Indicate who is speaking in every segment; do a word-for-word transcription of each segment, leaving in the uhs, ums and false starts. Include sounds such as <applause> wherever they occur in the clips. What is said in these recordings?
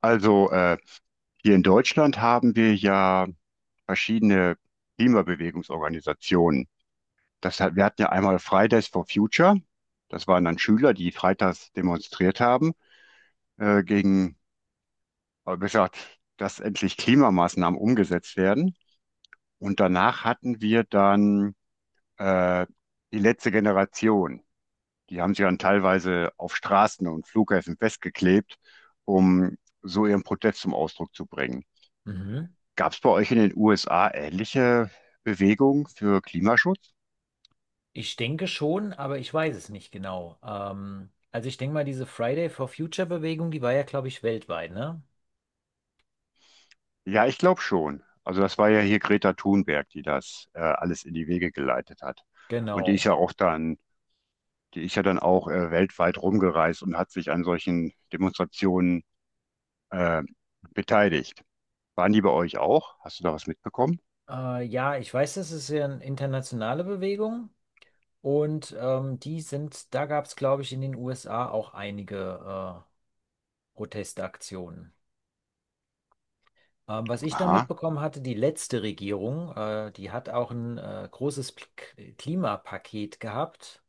Speaker 1: Also äh, Hier in Deutschland haben wir ja verschiedene Klimabewegungsorganisationen. Das hat, wir hatten ja einmal Fridays for Future. Das waren dann Schüler, die freitags demonstriert haben, äh, gegen, äh, besser gesagt, dass endlich Klimamaßnahmen umgesetzt werden. Und danach hatten wir dann äh, die letzte Generation. Die haben sich dann teilweise auf Straßen und Flughäfen festgeklebt, um so ihren Protest zum Ausdruck zu bringen.
Speaker 2: Mhm.
Speaker 1: Gab es bei euch in den U S A ähnliche Bewegungen für Klimaschutz?
Speaker 2: Ich denke schon, aber ich weiß es nicht genau. Ähm, also ich denke mal, diese Friday for Future Bewegung, die war ja, glaube ich, weltweit, ne?
Speaker 1: Ja, ich glaube schon. Also das war ja hier Greta Thunberg, die das äh, alles in die Wege geleitet hat. Und die ist
Speaker 2: Genau.
Speaker 1: ja auch dann, die ist ja dann auch äh, weltweit rumgereist und hat sich an solchen Demonstrationen äh, beteiligt. Waren die bei euch auch? Hast du da was mitbekommen?
Speaker 2: Äh, ja, ich weiß, das ist ja eine internationale Bewegung, und ähm, die sind, da gab es, glaube ich, in den U S A auch einige äh, Protestaktionen. Ähm, was ich dann
Speaker 1: Aha.
Speaker 2: mitbekommen hatte, die letzte Regierung, äh, die hat auch ein äh, großes P Klimapaket gehabt,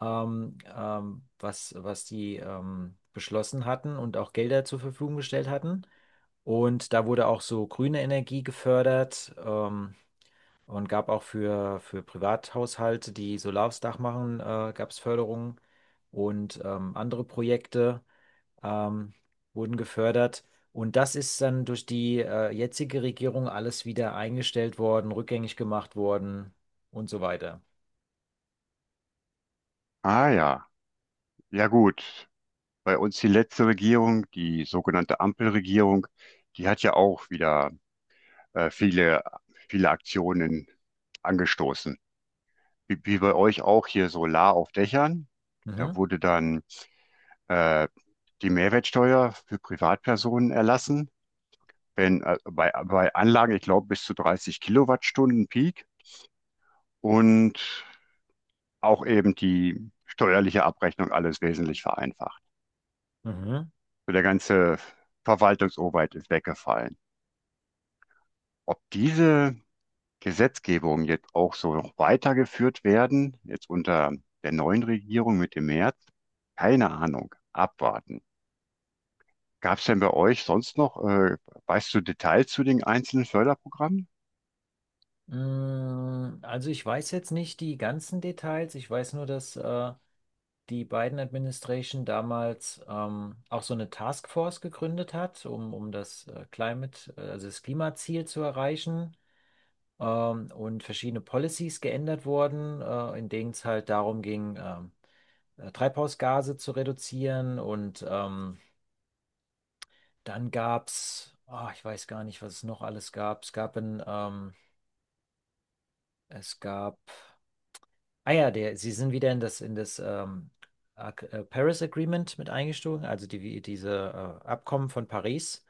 Speaker 2: ähm, ähm, was, was die ähm, beschlossen hatten und auch Gelder zur Verfügung gestellt hatten. Und da wurde auch so grüne Energie gefördert, ähm, und gab auch für, für Privathaushalte, die Solar aufs Dach machen, äh, gab es Förderungen und ähm, andere Projekte ähm, wurden gefördert. Und das ist dann durch die äh, jetzige Regierung alles wieder eingestellt worden, rückgängig gemacht worden, und so weiter.
Speaker 1: Ah ja. Ja gut. Bei uns die letzte Regierung, die sogenannte Ampelregierung, die hat ja auch wieder äh, viele, viele Aktionen angestoßen. Wie, wie bei euch auch hier Solar auf Dächern. Da
Speaker 2: Mhm.
Speaker 1: wurde dann äh, die Mehrwertsteuer für Privatpersonen erlassen, wenn äh, bei, bei Anlagen, ich glaube, bis zu dreißig Kilowattstunden Peak und auch eben die steuerliche Abrechnung alles wesentlich vereinfacht.
Speaker 2: Mhm.
Speaker 1: So der ganze Verwaltungsaufwand ist weggefallen. Ob diese Gesetzgebung jetzt auch so noch weitergeführt werden, jetzt unter der neuen Regierung mit dem März? Keine Ahnung, abwarten. Gab es denn bei euch sonst noch, äh, weißt du Details zu den einzelnen Förderprogrammen?
Speaker 2: Mm, Also ich weiß jetzt nicht die ganzen Details. Ich weiß nur, dass äh, die Biden-Administration damals ähm, auch so eine Taskforce gegründet hat, um, um das äh, Climate, äh, also das Klimaziel zu erreichen. Ähm, und verschiedene Policies geändert wurden, äh, in denen es halt darum ging, ähm, äh, Treibhausgase zu reduzieren. Und ähm, dann gab es, ich weiß gar nicht, was es noch alles gab. Es gab ein, ähm, es gab Ah ja, der, sie sind wieder in das, in das ähm, Ac- äh, Paris Agreement mit eingestiegen, also die, diese äh, Abkommen von Paris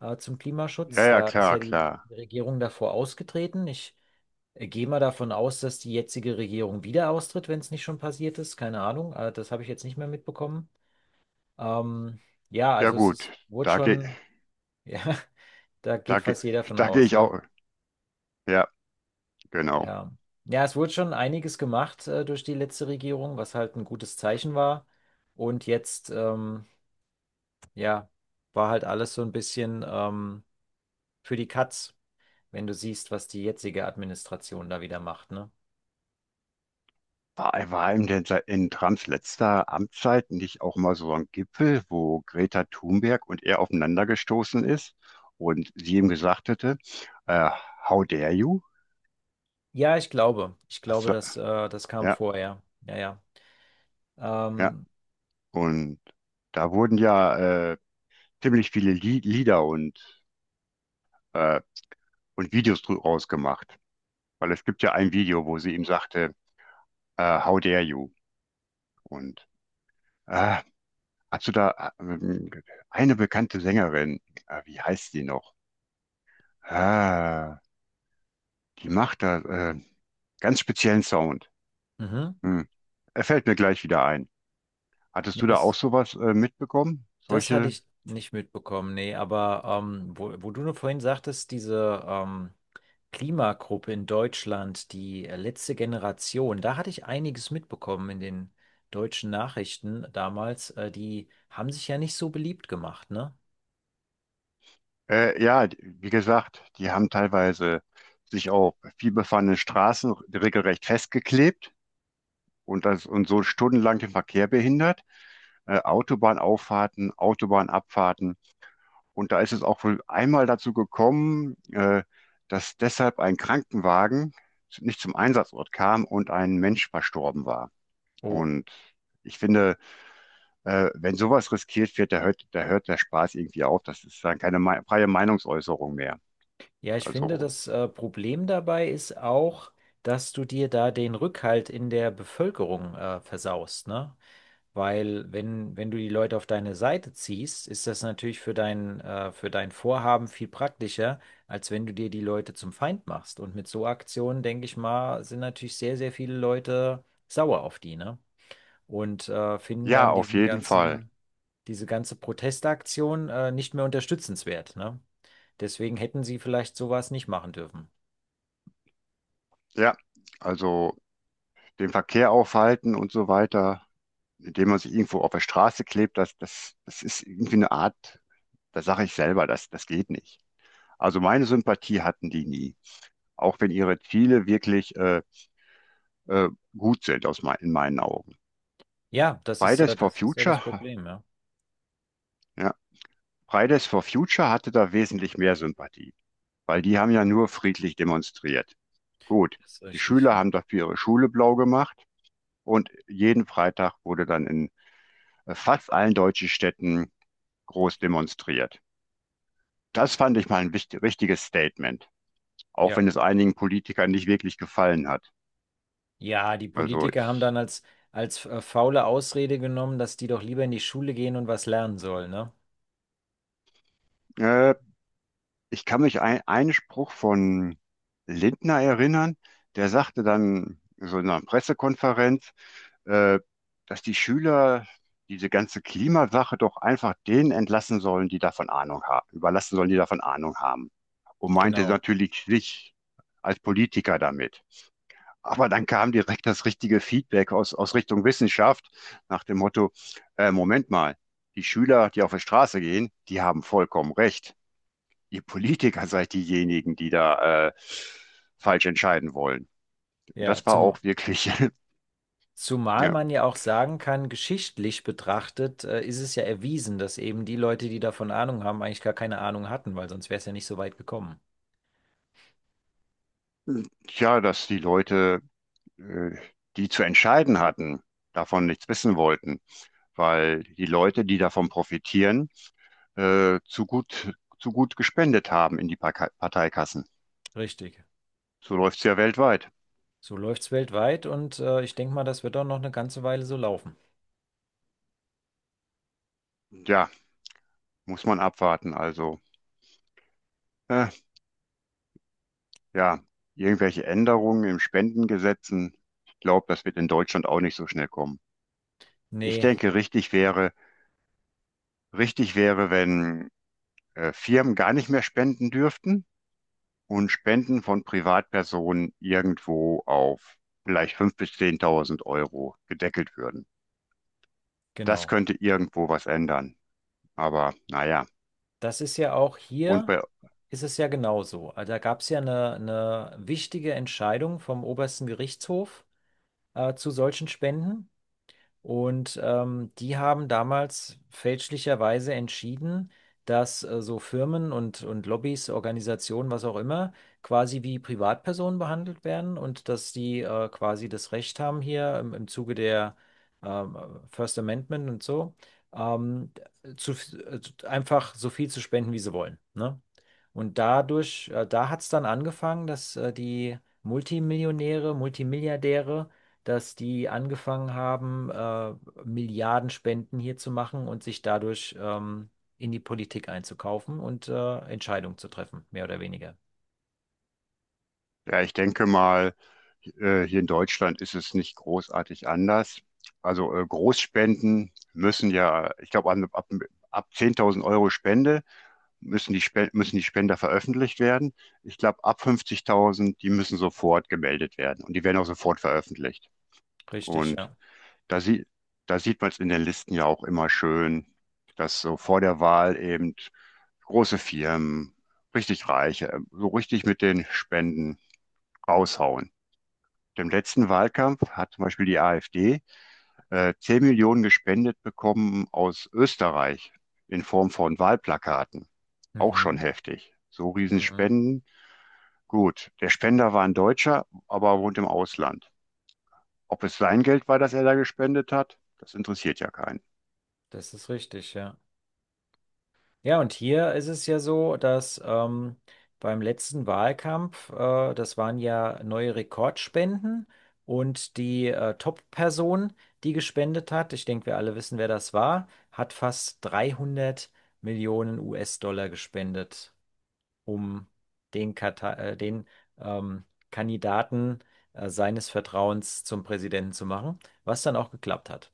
Speaker 2: äh, zum
Speaker 1: Ja,
Speaker 2: Klimaschutz.
Speaker 1: ja,
Speaker 2: Da ist
Speaker 1: klar,
Speaker 2: ja die
Speaker 1: klar.
Speaker 2: Regierung davor ausgetreten. Ich äh, gehe mal davon aus, dass die jetzige Regierung wieder austritt, wenn es nicht schon passiert ist. Keine Ahnung, äh, das habe ich jetzt nicht mehr mitbekommen. Ähm, ja,
Speaker 1: Ja
Speaker 2: also es
Speaker 1: gut,
Speaker 2: ist, wurde
Speaker 1: da gehe
Speaker 2: schon, <laughs> ja, da
Speaker 1: da
Speaker 2: geht
Speaker 1: geh,
Speaker 2: fast jeder
Speaker 1: <laughs>
Speaker 2: von
Speaker 1: da geh
Speaker 2: aus,
Speaker 1: ich
Speaker 2: ne?
Speaker 1: auch. Ja, genau.
Speaker 2: Ja. Ja, es wurde schon einiges gemacht äh, durch die letzte Regierung, was halt ein gutes Zeichen war. Und jetzt, ähm, ja, war halt alles so ein bisschen ähm, für die Katz, wenn du siehst, was die jetzige Administration da wieder macht, ne?
Speaker 1: War, war in, den, in Trumps letzter Amtszeit nicht auch mal so ein Gipfel, wo Greta Thunberg und er aufeinander gestoßen ist und sie ihm gesagt hätte, äh, How dare you?
Speaker 2: Ja, ich glaube. Ich
Speaker 1: Hast
Speaker 2: glaube,
Speaker 1: du-
Speaker 2: dass, äh, das kam
Speaker 1: ja,
Speaker 2: vorher. Ja, ja.
Speaker 1: ja.
Speaker 2: Ähm,
Speaker 1: Und da wurden ja äh, ziemlich viele Lie- Lieder und, äh, und Videos draus rausgemacht, weil es gibt ja ein Video, wo sie ihm sagte, äh, How dare you? Und äh, hast du da äh, ähm, eine bekannte Sängerin, äh, wie heißt sie noch? Ah. Die macht da äh, ganz speziellen Sound.
Speaker 2: mhm.
Speaker 1: Hm. Er fällt mir gleich wieder ein. Hattest
Speaker 2: Nee,
Speaker 1: du da auch
Speaker 2: das.
Speaker 1: sowas äh, mitbekommen?
Speaker 2: Das hatte
Speaker 1: Solche?
Speaker 2: ich nicht mitbekommen, nee, aber ähm, wo, wo du nur vorhin sagtest, diese ähm, Klimagruppe in Deutschland, die äh, letzte Generation, da hatte ich einiges mitbekommen in den deutschen Nachrichten damals. Äh, die haben sich ja nicht so beliebt gemacht, ne?
Speaker 1: Äh, ja, d- wie gesagt, die haben teilweise sich auf vielbefahrene Straßen regelrecht festgeklebt und das und so stundenlang den Verkehr behindert. Äh, Autobahnauffahrten, Autobahnabfahrten. Und da ist es auch wohl einmal dazu gekommen, äh, dass deshalb ein Krankenwagen nicht zum Einsatzort kam und ein Mensch verstorben war.
Speaker 2: Oh.
Speaker 1: Und ich finde, äh, wenn sowas riskiert wird, da hört, da hört der Spaß irgendwie auf. Das ist dann keine mei- freie Meinungsäußerung mehr.
Speaker 2: Ja, ich finde,
Speaker 1: Also
Speaker 2: das äh, Problem dabei ist auch, dass du dir da den Rückhalt in der Bevölkerung äh, versaust, ne? Weil wenn, wenn du die Leute auf deine Seite ziehst, ist das natürlich für dein, äh, für dein Vorhaben viel praktischer, als wenn du dir die Leute zum Feind machst. Und mit so Aktionen, denke ich mal, sind natürlich sehr, sehr viele Leute sauer auf die, ne? Und äh, finden
Speaker 1: ja,
Speaker 2: dann
Speaker 1: auf
Speaker 2: diesen
Speaker 1: jeden Fall.
Speaker 2: ganzen, diese ganze Protestaktion äh, nicht mehr unterstützenswert, ne? Deswegen hätten sie vielleicht sowas nicht machen dürfen.
Speaker 1: Ja, also den Verkehr aufhalten und so weiter, indem man sich irgendwo auf der Straße klebt, das, das, das ist irgendwie eine Art, da sage ich selber, das, das geht nicht. Also meine Sympathie hatten die nie, auch wenn ihre Ziele wirklich äh, äh, gut sind aus mein, in meinen Augen.
Speaker 2: Ja, das ist,
Speaker 1: Fridays
Speaker 2: äh,
Speaker 1: for
Speaker 2: das ist ja das
Speaker 1: Future,
Speaker 2: Problem, ja.
Speaker 1: ja. Fridays for Future hatte da wesentlich mehr Sympathie, weil die haben ja nur friedlich demonstriert. Gut,
Speaker 2: Das ist
Speaker 1: die
Speaker 2: richtig,
Speaker 1: Schüler
Speaker 2: ja.
Speaker 1: haben dafür ihre Schule blau gemacht und jeden Freitag wurde dann in äh, fast allen deutschen Städten groß demonstriert. Das fand ich mal ein wichtig, richtiges Statement, auch
Speaker 2: Ja.
Speaker 1: wenn es einigen Politikern nicht wirklich gefallen hat.
Speaker 2: Ja, die
Speaker 1: Also
Speaker 2: Politiker haben
Speaker 1: ich,
Speaker 2: dann als, als äh, faule Ausrede genommen, dass die doch lieber in die Schule gehen und was lernen sollen, ne?
Speaker 1: äh, Ich kann mich ein, einen Spruch von Lindner erinnern, der sagte dann so in einer Pressekonferenz, äh, dass die Schüler diese ganze Klimasache doch einfach denen entlassen sollen, die davon Ahnung haben, überlassen sollen, die davon Ahnung haben. Und meinte
Speaker 2: Genau.
Speaker 1: natürlich sich als Politiker damit. Aber dann kam direkt das richtige Feedback aus, aus Richtung Wissenschaft nach dem Motto, äh, Moment mal, die Schüler, die auf die Straße gehen, die haben vollkommen recht, ihr Politiker seid diejenigen, die da äh, falsch entscheiden wollen.
Speaker 2: Ja,
Speaker 1: Das war
Speaker 2: zum,
Speaker 1: auch wirklich, <laughs>
Speaker 2: zumal
Speaker 1: ja,
Speaker 2: man ja auch sagen kann, geschichtlich betrachtet, äh, ist es ja erwiesen, dass eben die Leute, die davon Ahnung haben, eigentlich gar keine Ahnung hatten, weil sonst wäre es ja nicht so weit gekommen.
Speaker 1: tja, dass die Leute, äh, die zu entscheiden hatten, davon nichts wissen wollten, weil die Leute, die davon profitieren, äh, zu gut, zu gut gespendet haben in die Parka- Parteikassen.
Speaker 2: Richtig.
Speaker 1: So läuft es ja weltweit.
Speaker 2: So läuft es weltweit, und äh, ich denke mal, das wird auch noch eine ganze Weile so laufen.
Speaker 1: Ja, muss man abwarten. Also, äh, ja, irgendwelche Änderungen im Spendengesetzen. Ich glaube, das wird in Deutschland auch nicht so schnell kommen. Ich
Speaker 2: Nee,
Speaker 1: denke, richtig wäre, richtig wäre, wenn äh, Firmen gar nicht mehr spenden dürften und Spenden von Privatpersonen irgendwo auf vielleicht fünftausend bis zehntausend Euro gedeckelt würden. Das
Speaker 2: genau.
Speaker 1: könnte irgendwo was ändern. Aber naja,
Speaker 2: Das ist ja auch
Speaker 1: und
Speaker 2: hier,
Speaker 1: bei,
Speaker 2: ist es ja genauso. Also da gab es ja eine, eine wichtige Entscheidung vom obersten Gerichtshof äh, zu solchen Spenden. Und ähm, die haben damals fälschlicherweise entschieden, dass äh, so Firmen und, und Lobbys, Organisationen, was auch immer, quasi wie Privatpersonen behandelt werden und dass die äh, quasi das Recht haben hier im, im Zuge der ähm, First Amendment und so, ähm, zu, äh, einfach so viel zu spenden, wie sie wollen. Ne? Und dadurch, äh, da hat es dann angefangen, dass äh, die Multimillionäre, Multimilliardäre, dass die angefangen haben, äh, Milliardenspenden hier zu machen und sich dadurch ähm, in die Politik einzukaufen und äh, Entscheidungen zu treffen, mehr oder weniger.
Speaker 1: ja, ich denke mal, äh, hier in Deutschland ist es nicht großartig anders. Also äh, Großspenden müssen ja, ich glaube, ab, ab, ab zehntausend Euro Spende müssen die, Spe- müssen die Spender veröffentlicht werden. Ich glaube, ab fünfzigtausend, die müssen sofort gemeldet werden und die werden auch sofort veröffentlicht.
Speaker 2: Richtig,
Speaker 1: Und
Speaker 2: ja.
Speaker 1: da, sie, da sieht man es in den Listen ja auch immer schön, dass so vor der Wahl eben große Firmen, richtig Reiche, ähm, so richtig mit den Spenden raushauen. Im letzten Wahlkampf hat zum Beispiel die AfD äh, zehn Millionen gespendet bekommen aus Österreich in Form von Wahlplakaten. Auch schon
Speaker 2: Mhm.
Speaker 1: heftig. So
Speaker 2: Mhm.
Speaker 1: Riesenspenden. Gut, der Spender war ein Deutscher, aber wohnt im Ausland. Ob es sein Geld war, das er da gespendet hat, das interessiert ja keinen.
Speaker 2: Das ist richtig, ja. Ja, und hier ist es ja so, dass ähm, beim letzten Wahlkampf, äh, das waren ja neue Rekordspenden, und die äh, Top-Person, die gespendet hat, ich denke, wir alle wissen, wer das war, hat fast dreihundert Millionen U S-Dollar gespendet, um den, Kata äh, den ähm, Kandidaten äh, seines Vertrauens zum Präsidenten zu machen, was dann auch geklappt hat.